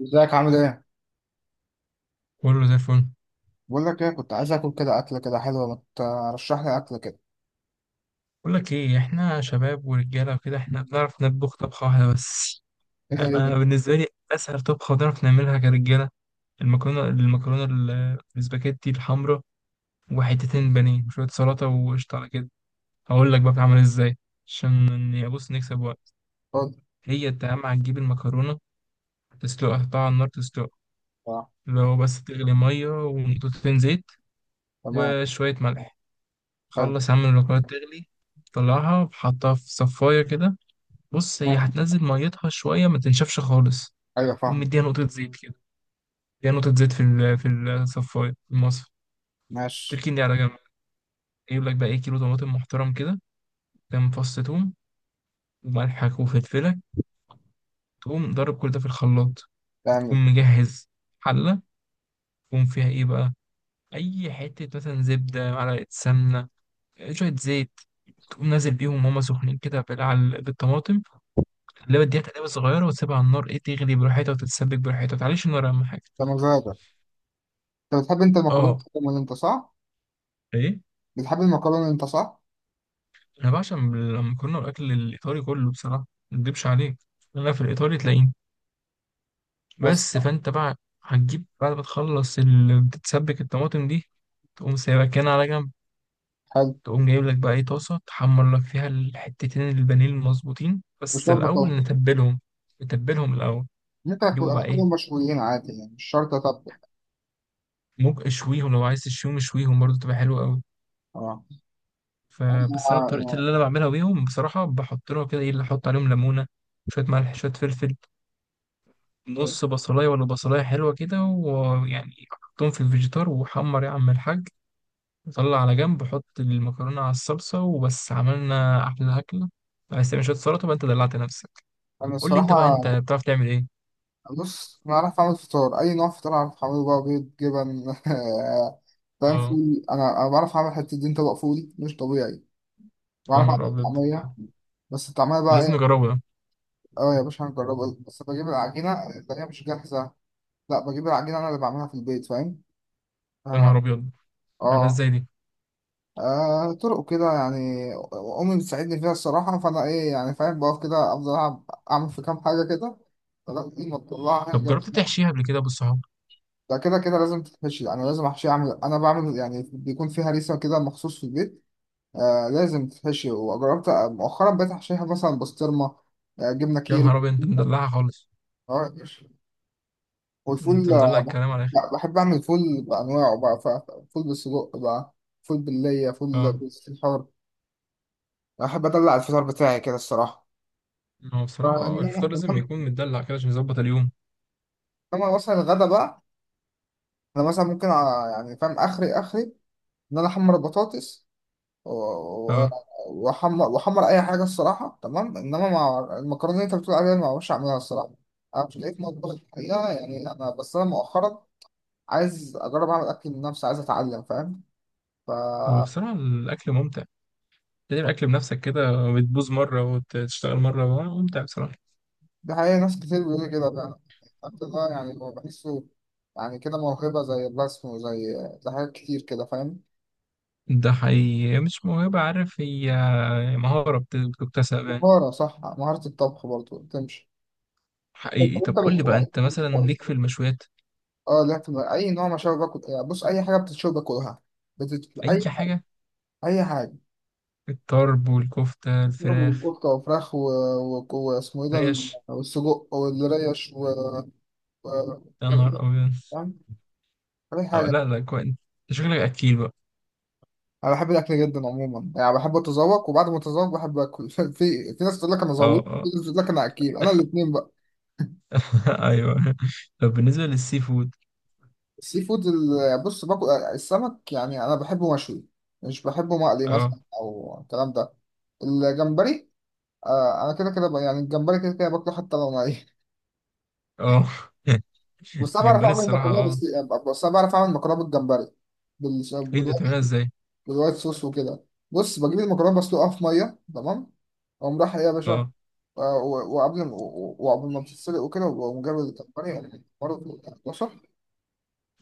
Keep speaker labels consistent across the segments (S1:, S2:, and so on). S1: ازيك عامل ايه؟
S2: كله زي الفل.
S1: بقول لك ايه كنت عايز اكل كده اكله كده حلوه، ما ترشح لي اكله كده؟
S2: بقول لك ايه، احنا شباب ورجاله وكده، احنا بنعرف نطبخ طبخه واحده بس.
S1: ايه هي؟
S2: انا بالنسبه لي اسهل طبخه بنعرف نعملها كرجاله، السباكيتي الحمراء، وحتتين بانيه وشويه سلطه وقشطه على كده. هقول لك بقى بتعمل ازاي. عشان بص نكسب وقت.
S1: اتفضل.
S2: هي انت اهم حاجه تجيب المكرونه، تسلقها، تحطها على النار تسلقها،
S1: اه.
S2: لو بس تغلي ميه ونقطتين زيت
S1: تمام.
S2: وشويه ملح.
S1: حلو.
S2: خلص يا عم المكرونه تغلي، طلعها وحطها في صفايه كده. بص هي
S1: مم.
S2: هتنزل ميتها شوية ما تنشفش خالص.
S1: ايوه
S2: تقوم
S1: فاهمك.
S2: مديها نقطة زيت كده، مديها نقطة زيت في الصفاية، في المصفى،
S1: ماشي.
S2: تركين دي على جنب. يجيب لك بقى ايه، كيلو طماطم محترم كده، كام فص توم، وملحك وفلفلك، تقوم ضارب كل ده في الخلاط.
S1: تمام.
S2: تقوم مجهز حلة، تقوم فيها ايه بقى، أي حتة مثلا زبدة، معلقة سمنة، شوية زيت، تقوم نازل بيهم وهما سخنين كده بالطماطم اللي بديها تقليبة صغيرة وتسيبها على النار، ايه، تغلي براحتها وتتسبك براحتها، ما تعليش النار أهم حاجة.
S1: ده مزاجك. انت بتحب المكرونه
S2: اه.
S1: اللي انت، صح؟
S2: ايه،
S1: بتحب المكرونه اللي انت، صح؟
S2: انا بعشق المكرونه والاكل الايطالي كله بصراحه، ما اكدبش عليك، انا في الايطالي تلاقيني.
S1: بس.
S2: بس فانت بقى، هتجيب بعد ما بتتسبك الطماطم دي، تقوم سايبها كده على جنب.
S1: حلو.
S2: تقوم جايب لك بقى ايه، طاسه تحمر لك فيها الحتتين البانيه المظبوطين،
S1: مش
S2: بس
S1: شرط
S2: الاول
S1: طبخ.
S2: نتبلهم. نتبلهم الاول.
S1: ممكن اكل
S2: جيبوا بقى ايه،
S1: مشويين عادي، يعني مش شرط اطبخ.
S2: ممكن اشويهم لو عايز تشويهم اشويهم برضه تبقى حلوه قوي.
S1: اه. انا
S2: فبس انا بطريقتي
S1: آه.
S2: اللي انا بعملها بيهم بصراحه، بحط لهم كده ايه اللي احط عليهم، ليمونه، شويه ملح، شويه فلفل،
S1: إيه.
S2: نص بصلاية ولا بصلاية حلوة كده، ويعني حطهم في الفيجيتار وحمر يا عم الحاج. وطلع على جنب، حط المكرونة على الصلصة، وبس عملنا أحلى أكلة. عايز تعمل شوية سلطة بقى، أنت دلعت نفسك.
S1: انا
S2: قول لي أنت
S1: الصراحه،
S2: بقى، أنت بتعرف تعمل إيه؟
S1: بص انا عارف اعمل فطار، اي نوع فطار عارف اعمله، بقى بيض جبن فاهم؟
S2: أه.
S1: فول، انا بعرف اعمل حته دين طبق فول مش طبيعي.
S2: يا
S1: بعرف
S2: نهار
S1: اعمل
S2: أبيض،
S1: طعميه. بس الطعميه
S2: ده
S1: بقى
S2: لازم
S1: ايه.
S2: نجربه ده.
S1: اه يا باشا هنجربها، بس بجيب العجينه اللي هي مش جاهزه. لا، بجيب العجينه انا اللي بعملها في البيت، فاهم.
S2: يا نهار
S1: اه
S2: أبيض، ده
S1: اه.
S2: إزاي دي؟
S1: آه، طرق كده يعني. امي بتساعدني فيها الصراحه، فانا ايه يعني فاهم، بقف كده، اعمل في كام حاجه كده لغايه ما تطلعها.
S2: طب جربت تحشيها قبل كده بالصحاب؟
S1: ده كده كده لازم تتحشي، انا لازم احشي، اعمل، انا بعمل يعني بيكون فيها هريسه كده مخصوص في البيت. آه لازم تتحشي. وجربت، آه، مؤخرا بقيت احشيها مثلا بسطرمه. آه، جبنه
S2: يا
S1: كيري.
S2: نهار أبيض، أنت مدلعها خالص.
S1: آه.
S2: أنت
S1: والفول
S2: مدلع
S1: آه
S2: الكلام على الآخر.
S1: لا، بحب اعمل فول بانواعه بقى. فول بالسجق بقى، فول بالليه، فول
S2: أه.
S1: بالحار. احب ادلع الفطار بتاعي كده الصراحه.
S2: هو
S1: آه،
S2: بصراحة أه
S1: انما
S2: الفطار لازم يكون متدلع كده عشان يظبط اليوم.
S1: إنما مثلا الغدا بقى، انا مثلا ممكن، آه، يعني فاهم، اخري انا احمر البطاطس و-
S2: أه،
S1: واحمر اي حاجه، الصراحه، تمام. انما مع المكرونه اللي انت بتقول عليها، أنا ما بعرفش اعملها الصراحه. انا مش لقيت مطبخ الحقيقه، يعني انا بس انا مؤخرا عايز اجرب اعمل اكل لنفسي، عايز اتعلم، فاهم. ف
S2: هو بصراحة الأكل ممتع، تعمل أكل بنفسك كده، بتبوظ مرة وتشتغل مرة، ممتع بصراحة.
S1: دي حقيقه، ناس كتير بيقولوا لي كده فعلا. الأكل ده يعني هو بحسه يعني كده موهبه، زي الرسم وزي حاجات كتير كده، فاهم.
S2: ده حقيقي مش موهبة، عارف هي مهارة بتكتسب يعني.
S1: مهاره، صح، مهاره، الطبخ برضه تمشي. طب انت
S2: حقيقي. طب قول لي بقى أنت مثلا
S1: بتطبخ؟
S2: ليك في المشويات؟
S1: اه. لا، اي نوع مشاوي باكل، يعني بص اي حاجه بتتشوي باكلها.
S2: أي
S1: اي،
S2: حاجة.
S1: اي حاجه.
S2: الطرب والكفتة،
S1: برضه
S2: الفراخ،
S1: قطه وفراخ واسمه ايه ده،
S2: ريش.
S1: والسجق والريش و-
S2: يا نهار أبيض.
S1: فاهم، اي
S2: أو
S1: حاجه.
S2: لا لا، كويس أنت، شكلك أكيل بقى.
S1: انا بحب الاكل جدا عموما، يعني بحب اتذوق وبعد ما اتذوق بحب اكل في، في ناس تقول لك انا
S2: أه،
S1: ذوقت، في
S2: أه.
S1: ناس تقول لك انا اكيل، انا الاثنين بقى.
S2: أيوه. طب بالنسبة للسي فود؟
S1: السي فود بص باكل السمك، يعني انا بحبه مشوي، مش بحبه مقلي
S2: أه،
S1: مثلا او الكلام ده. الجمبري آه، انا كده كده يعني الجمبري كده كده باكله حتى لو ني.
S2: أه.
S1: بس انا بعرف
S2: الجمبري
S1: اعمل
S2: الصراحة
S1: مكرونه
S2: أه.
S1: بس. بس انا بعرف اعمل مكرونه بالجمبري،
S2: إيه ده،
S1: بالوايت،
S2: بتعملها إزاي؟
S1: بالوايت صوص وكده. بص بجيب المكرونه، بسلقها في ميه، تمام، اقوم رايح ايه يا باشا.
S2: أه.
S1: آه، وقبل ما بتتسلق وكده، واقوم جايب الجمبري برضه، بشر،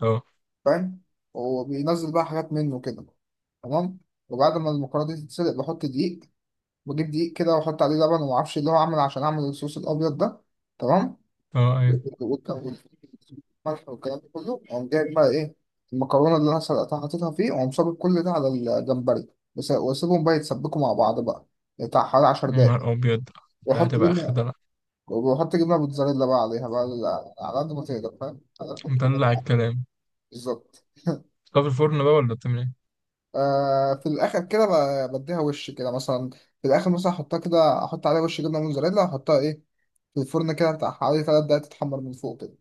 S2: أه.
S1: فاهم، وبينزل بقى حاجات منه كده، تمام. وبعد ما المكرونه دي تتسلق بحط دقيق، بجيب دقيق كده واحط عليه لبن وما اعرفش اللي هو، عامل عشان اعمل الصوص الابيض ده، تمام.
S2: أه. أيوه.
S1: والملح والكلام ده كله، أقوم جايب بقى إيه المكرونة اللي أنا سلقتها، حاططها فيه، وأقوم صابب كل ده على الجمبري. وأسيبهم بقى يتسبكوا مع بعض بقى بتاع حوالي 10
S2: يا
S1: دقايق،
S2: نهار أبيض، ده
S1: وأحط
S2: هتبقى آخر
S1: جبنة،
S2: دلع.
S1: وأحط جبنة موتزاريلا بقى عليها، بقى على قد ما تقدر، فاهم، على قد ما تقدر.
S2: مدلع الكلام.
S1: بالظبط.
S2: طب في الفرن بقى ولا بتعمل إيه؟
S1: آه في الآخر كده بديها وش كده مثلا، في الآخر مثلا أحطها كده، أحط عليها وش جبنة موتزاريلا، وأحطها إيه في الفرن كده بتاع حوالي 3 دقايق تتحمر من فوق كده.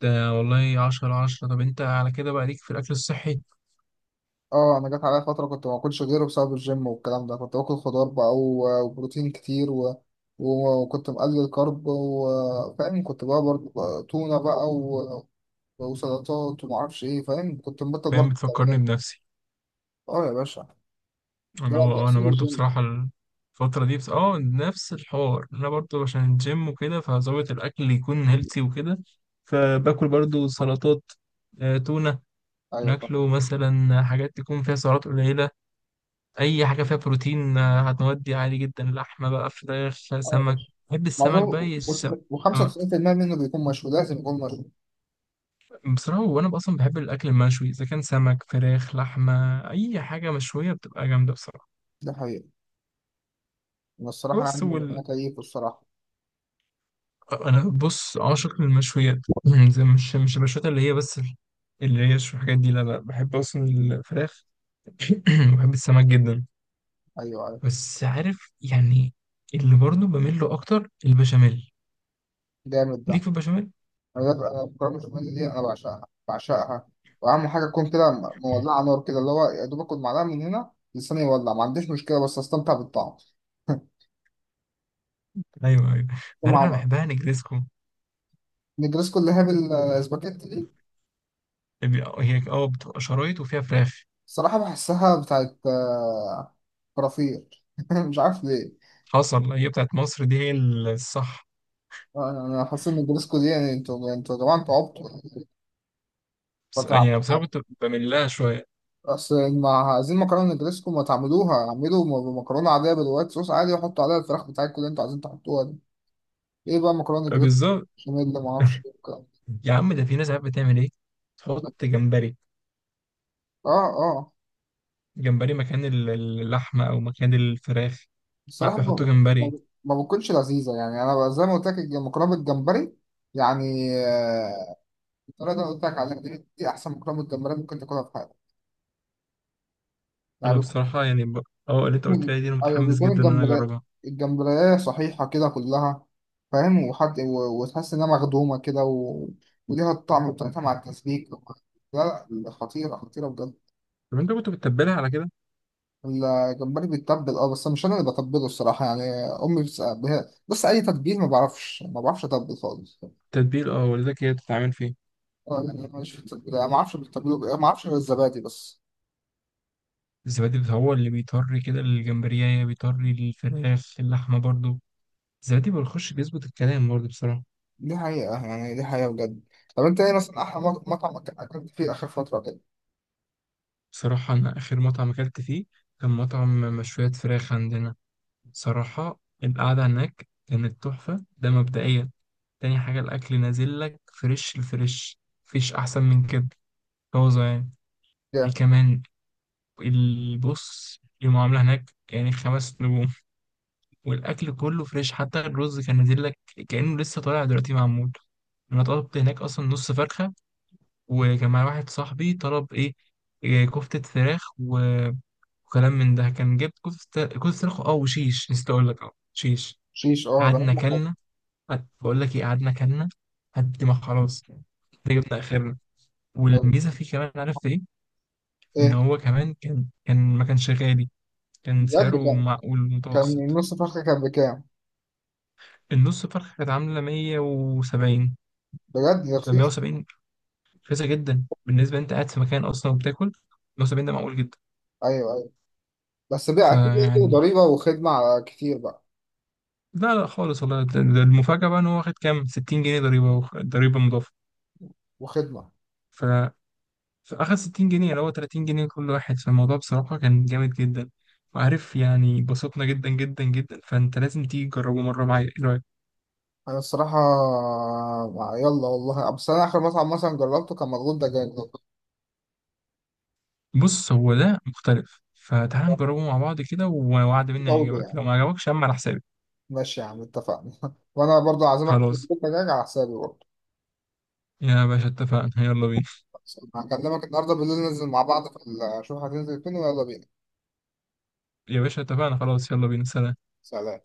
S2: ده والله عشرة على عشرة. طب أنت على كده بقى ليك في الأكل الصحي.
S1: اه، انا جت عليا فتره كنت ما باكلش غيره بسبب الجيم والكلام ده. كنت باكل خضار بقى وبروتين كتير، وكنت مقلل كارب، وفاهم كنت بقى برضه بقى تونه بقى، وسلطات وما اعرفش ايه، فاهم، كنت مبطل
S2: فاهم،
S1: برضه
S2: بتفكرني
S1: الدورات.
S2: بنفسي،
S1: اه يا باشا.
S2: اللي هو
S1: ده
S2: أه أنا
S1: اصول
S2: برضو
S1: الجيم.
S2: بصراحة الفترة دي بس أه نفس الحوار. أنا برضو عشان الجيم وكده فظابط الأكل يكون هيلثي وكده، فباكل برضو سلطات، تونة،
S1: ايوه فاهم.
S2: ناكله مثلا، حاجات تكون فيها سعرات قليلة، اي حاجه فيها بروتين هتودي عالي جدا، لحمه بقى، فراخ،
S1: اه يا
S2: سمك.
S1: باشا.
S2: بحب السمك
S1: معظم،
S2: بقى، آه،
S1: و95% منه بيكون مشوي، لازم يكون مشوي.
S2: بصراحه وانا اصلا بحب الاكل المشوي، اذا كان سمك، فراخ، لحمه، اي حاجه مشويه بتبقى جامده بصراحه.
S1: ده حقيقي. انا الصراحه
S2: بس
S1: يعني،
S2: وال...
S1: انا كيف الصراحه.
S2: انا بص عاشق للمشويات زي مش المشويات اللي هي شو، الحاجات دي لا لا، بحب اصلا الفراخ، بحب السمك جدا،
S1: ايوه، ايوه.
S2: بس عارف يعني اللي برضه بميل له اكتر البشاميل.
S1: جامد
S2: ليك
S1: ده.
S2: في البشاميل.
S1: أنا الكرة البشاميل دي أنا بعشقها بعشقها، وأهم حاجة تكون كده، مولعة نار كده، اللي هو يا دوب آكل معلقة من هنا لساني يولع، ما عنديش مشكلة، بس أستمتع بالطعم.
S2: ايوه ايوه. عارف انا
S1: مع
S2: بحبها نجريسكو،
S1: نجرسكو اللي هي بالسباكيتي دي.
S2: هي اه بتبقى شرايط وفيها فراخ.
S1: الصراحة بحسها بتاعت آه، كرافير مش عارف ليه.
S2: حصل، هي بتاعت مصر دي هي الصح.
S1: آه، أنا حاسس إن نجرسكو دي يعني، أنتوا يا جماعة أنتوا عبطوا.
S2: بس
S1: بتاع-
S2: يعني، بس انا كنت بميل لها شويه.
S1: أصل ما عايزين مكرونة نجرسكو، ما تعملوها، اعملوا مكرونة عادية بالوايت صوص عادي، وحطوا عليها الفراخ بتاعتكم اللي أنتوا عايزين تحطوها دي. ايه بقى؟ مكرونه جريت،
S2: بالظبط.
S1: بشاميل، ما اعرفش ايه والكلام
S2: يا عم، ده في ناس عارف بتعمل ايه، تحط
S1: ده.
S2: جمبري.
S1: اه، اه.
S2: جمبري مكان اللحمه او مكان الفراخ. لا،
S1: الصراحه،
S2: بيحطوا
S1: ما-
S2: جمبري.
S1: ما بتكونش لذيذه، يعني انا بقى زي ما قلت لك المكرونه بالجمبري، يعني آه، الطريقه اللي انا قلت لك عليها دي، دي احسن مكرونه بالجمبري ممكن تاكلها في حياتك. يعني
S2: انا
S1: بيكون،
S2: بصراحه يعني اه اللي انت قلت لي دي انا
S1: ايوه
S2: متحمس
S1: بيكون
S2: جدا ان انا
S1: الجمبري،
S2: اجربها.
S1: الجمبريه صحيحه كده كلها، فاهم، وحد، وتحس انها مخدومه كده، و... وليها الطعم بتاعتها مع التسبيك. لا لا، خطيره خطيره بجد.
S2: طب انت كنت بتتبلها على كده؟
S1: الجمبري بيتبل، اه، بس مش انا اللي بتبله الصراحه، يعني امي بتسأل هي، بص، اي تتبيل ما بعرفش، ما بعرفش اتبل خالص.
S2: تتبيل، اه والدتك هي بتتعمل فيه.
S1: اه، يعني انا مش في التتبيل، أنا ما اعرفش بتتبله بإيه، ما اعرفش غير الزبادي بس.
S2: الزبادي هو اللي بيطري كده الجمبريه، بيطري الفراخ، اللحمه برضو، زبادي ما بيخش، بيظبط الكلام برضه بصراحة.
S1: دي حقيقه، يعني دي حقيقه بجد. طب انت ايه مثلا احلى مطعم اكلت فيه اخر فتره كده؟
S2: بصراحة أنا آخر مطعم أكلت فيه كان مطعم مشويات فراخ عندنا. صراحة القعدة هناك كانت تحفة ده مبدئيا. تاني حاجة، الأكل نازل لك فريش، الفريش مفيش أحسن من كده، طازة يعني. إيه
S1: جامد.
S2: كمان، البص المعاملة هناك يعني خمس نجوم، والأكل كله فريش، حتى الرز كان نازل لك كأنه لسه طالع دلوقتي معمول. أنا طلبت هناك أصلا نص فرخة، وكان معايا واحد صاحبي طلب ايه، كفتة فراخ وكلام من ده، كان جبت كفتة، كفتة فراخ اه، وشيش، نسيت اقول لك اه شيش.
S1: شيش، اه، ده
S2: قعدنا
S1: أهم حاجة.
S2: كلنا. بقول لك ايه، قعدنا كلنا، قد ما خلاص إحنا جبنا اخرنا.
S1: أيوة.
S2: والميزة فيه كمان، عرفت ايه، ان
S1: ايه؟
S2: هو كمان كان ما كانش غالي، كان
S1: بجد.
S2: سعره
S1: كان،
S2: معقول
S1: كان
S2: متوسط.
S1: نص فرخه كان بكام؟
S2: النص فرخة كانت عاملة 170.
S1: بجد
S2: ف
S1: رخيص.
S2: 170، رخيصة جدا، بالنسبة انت قاعد في مكان اصلا وبتاكل، 170 ده معقول جدا.
S1: ايوه ايوه. بس بقى اكيد برضه
S2: فيعني،
S1: ضريبه وخدمه على، كتير بقى.
S2: لا لا خالص والله، ده المفاجأة بقى ان هو واخد كام، 60 جنيه ضريبة، ضريبة مضافة.
S1: وخدمه.
S2: ف... فأخد 60 جنيه اللي هو 30 جنيه كل واحد. فالموضوع بصراحة كان جامد جدا، وعارف يعني بسطنا جدا جدا جدا. فأنت لازم تيجي تجربه مرة معايا، ايه رأيك؟
S1: انا الصراحه، آه، يلا والله، بس انا اخر مطعم مثلا جربته كان مضغوط دجاج.
S2: بص هو ده مختلف، فتعال نجربه مع بعض كده، ووعد مني
S1: برضه
S2: هيعجبك،
S1: يعني.
S2: لو ما عجبكش يا عم على حسابي.
S1: ماشي يا عم، اتفقنا. وانا برضه عازمك في
S2: خلاص
S1: مضغوط دجاج على حسابي برضه.
S2: يا باشا، اتفقنا، يلا بينا.
S1: هكلمك النهارده بالليل، ننزل مع بعض في اشوف هتنزل فين ويلا بينا.
S2: يا باشا اتفقنا خلاص، يلا بينا، سلام.
S1: سلام.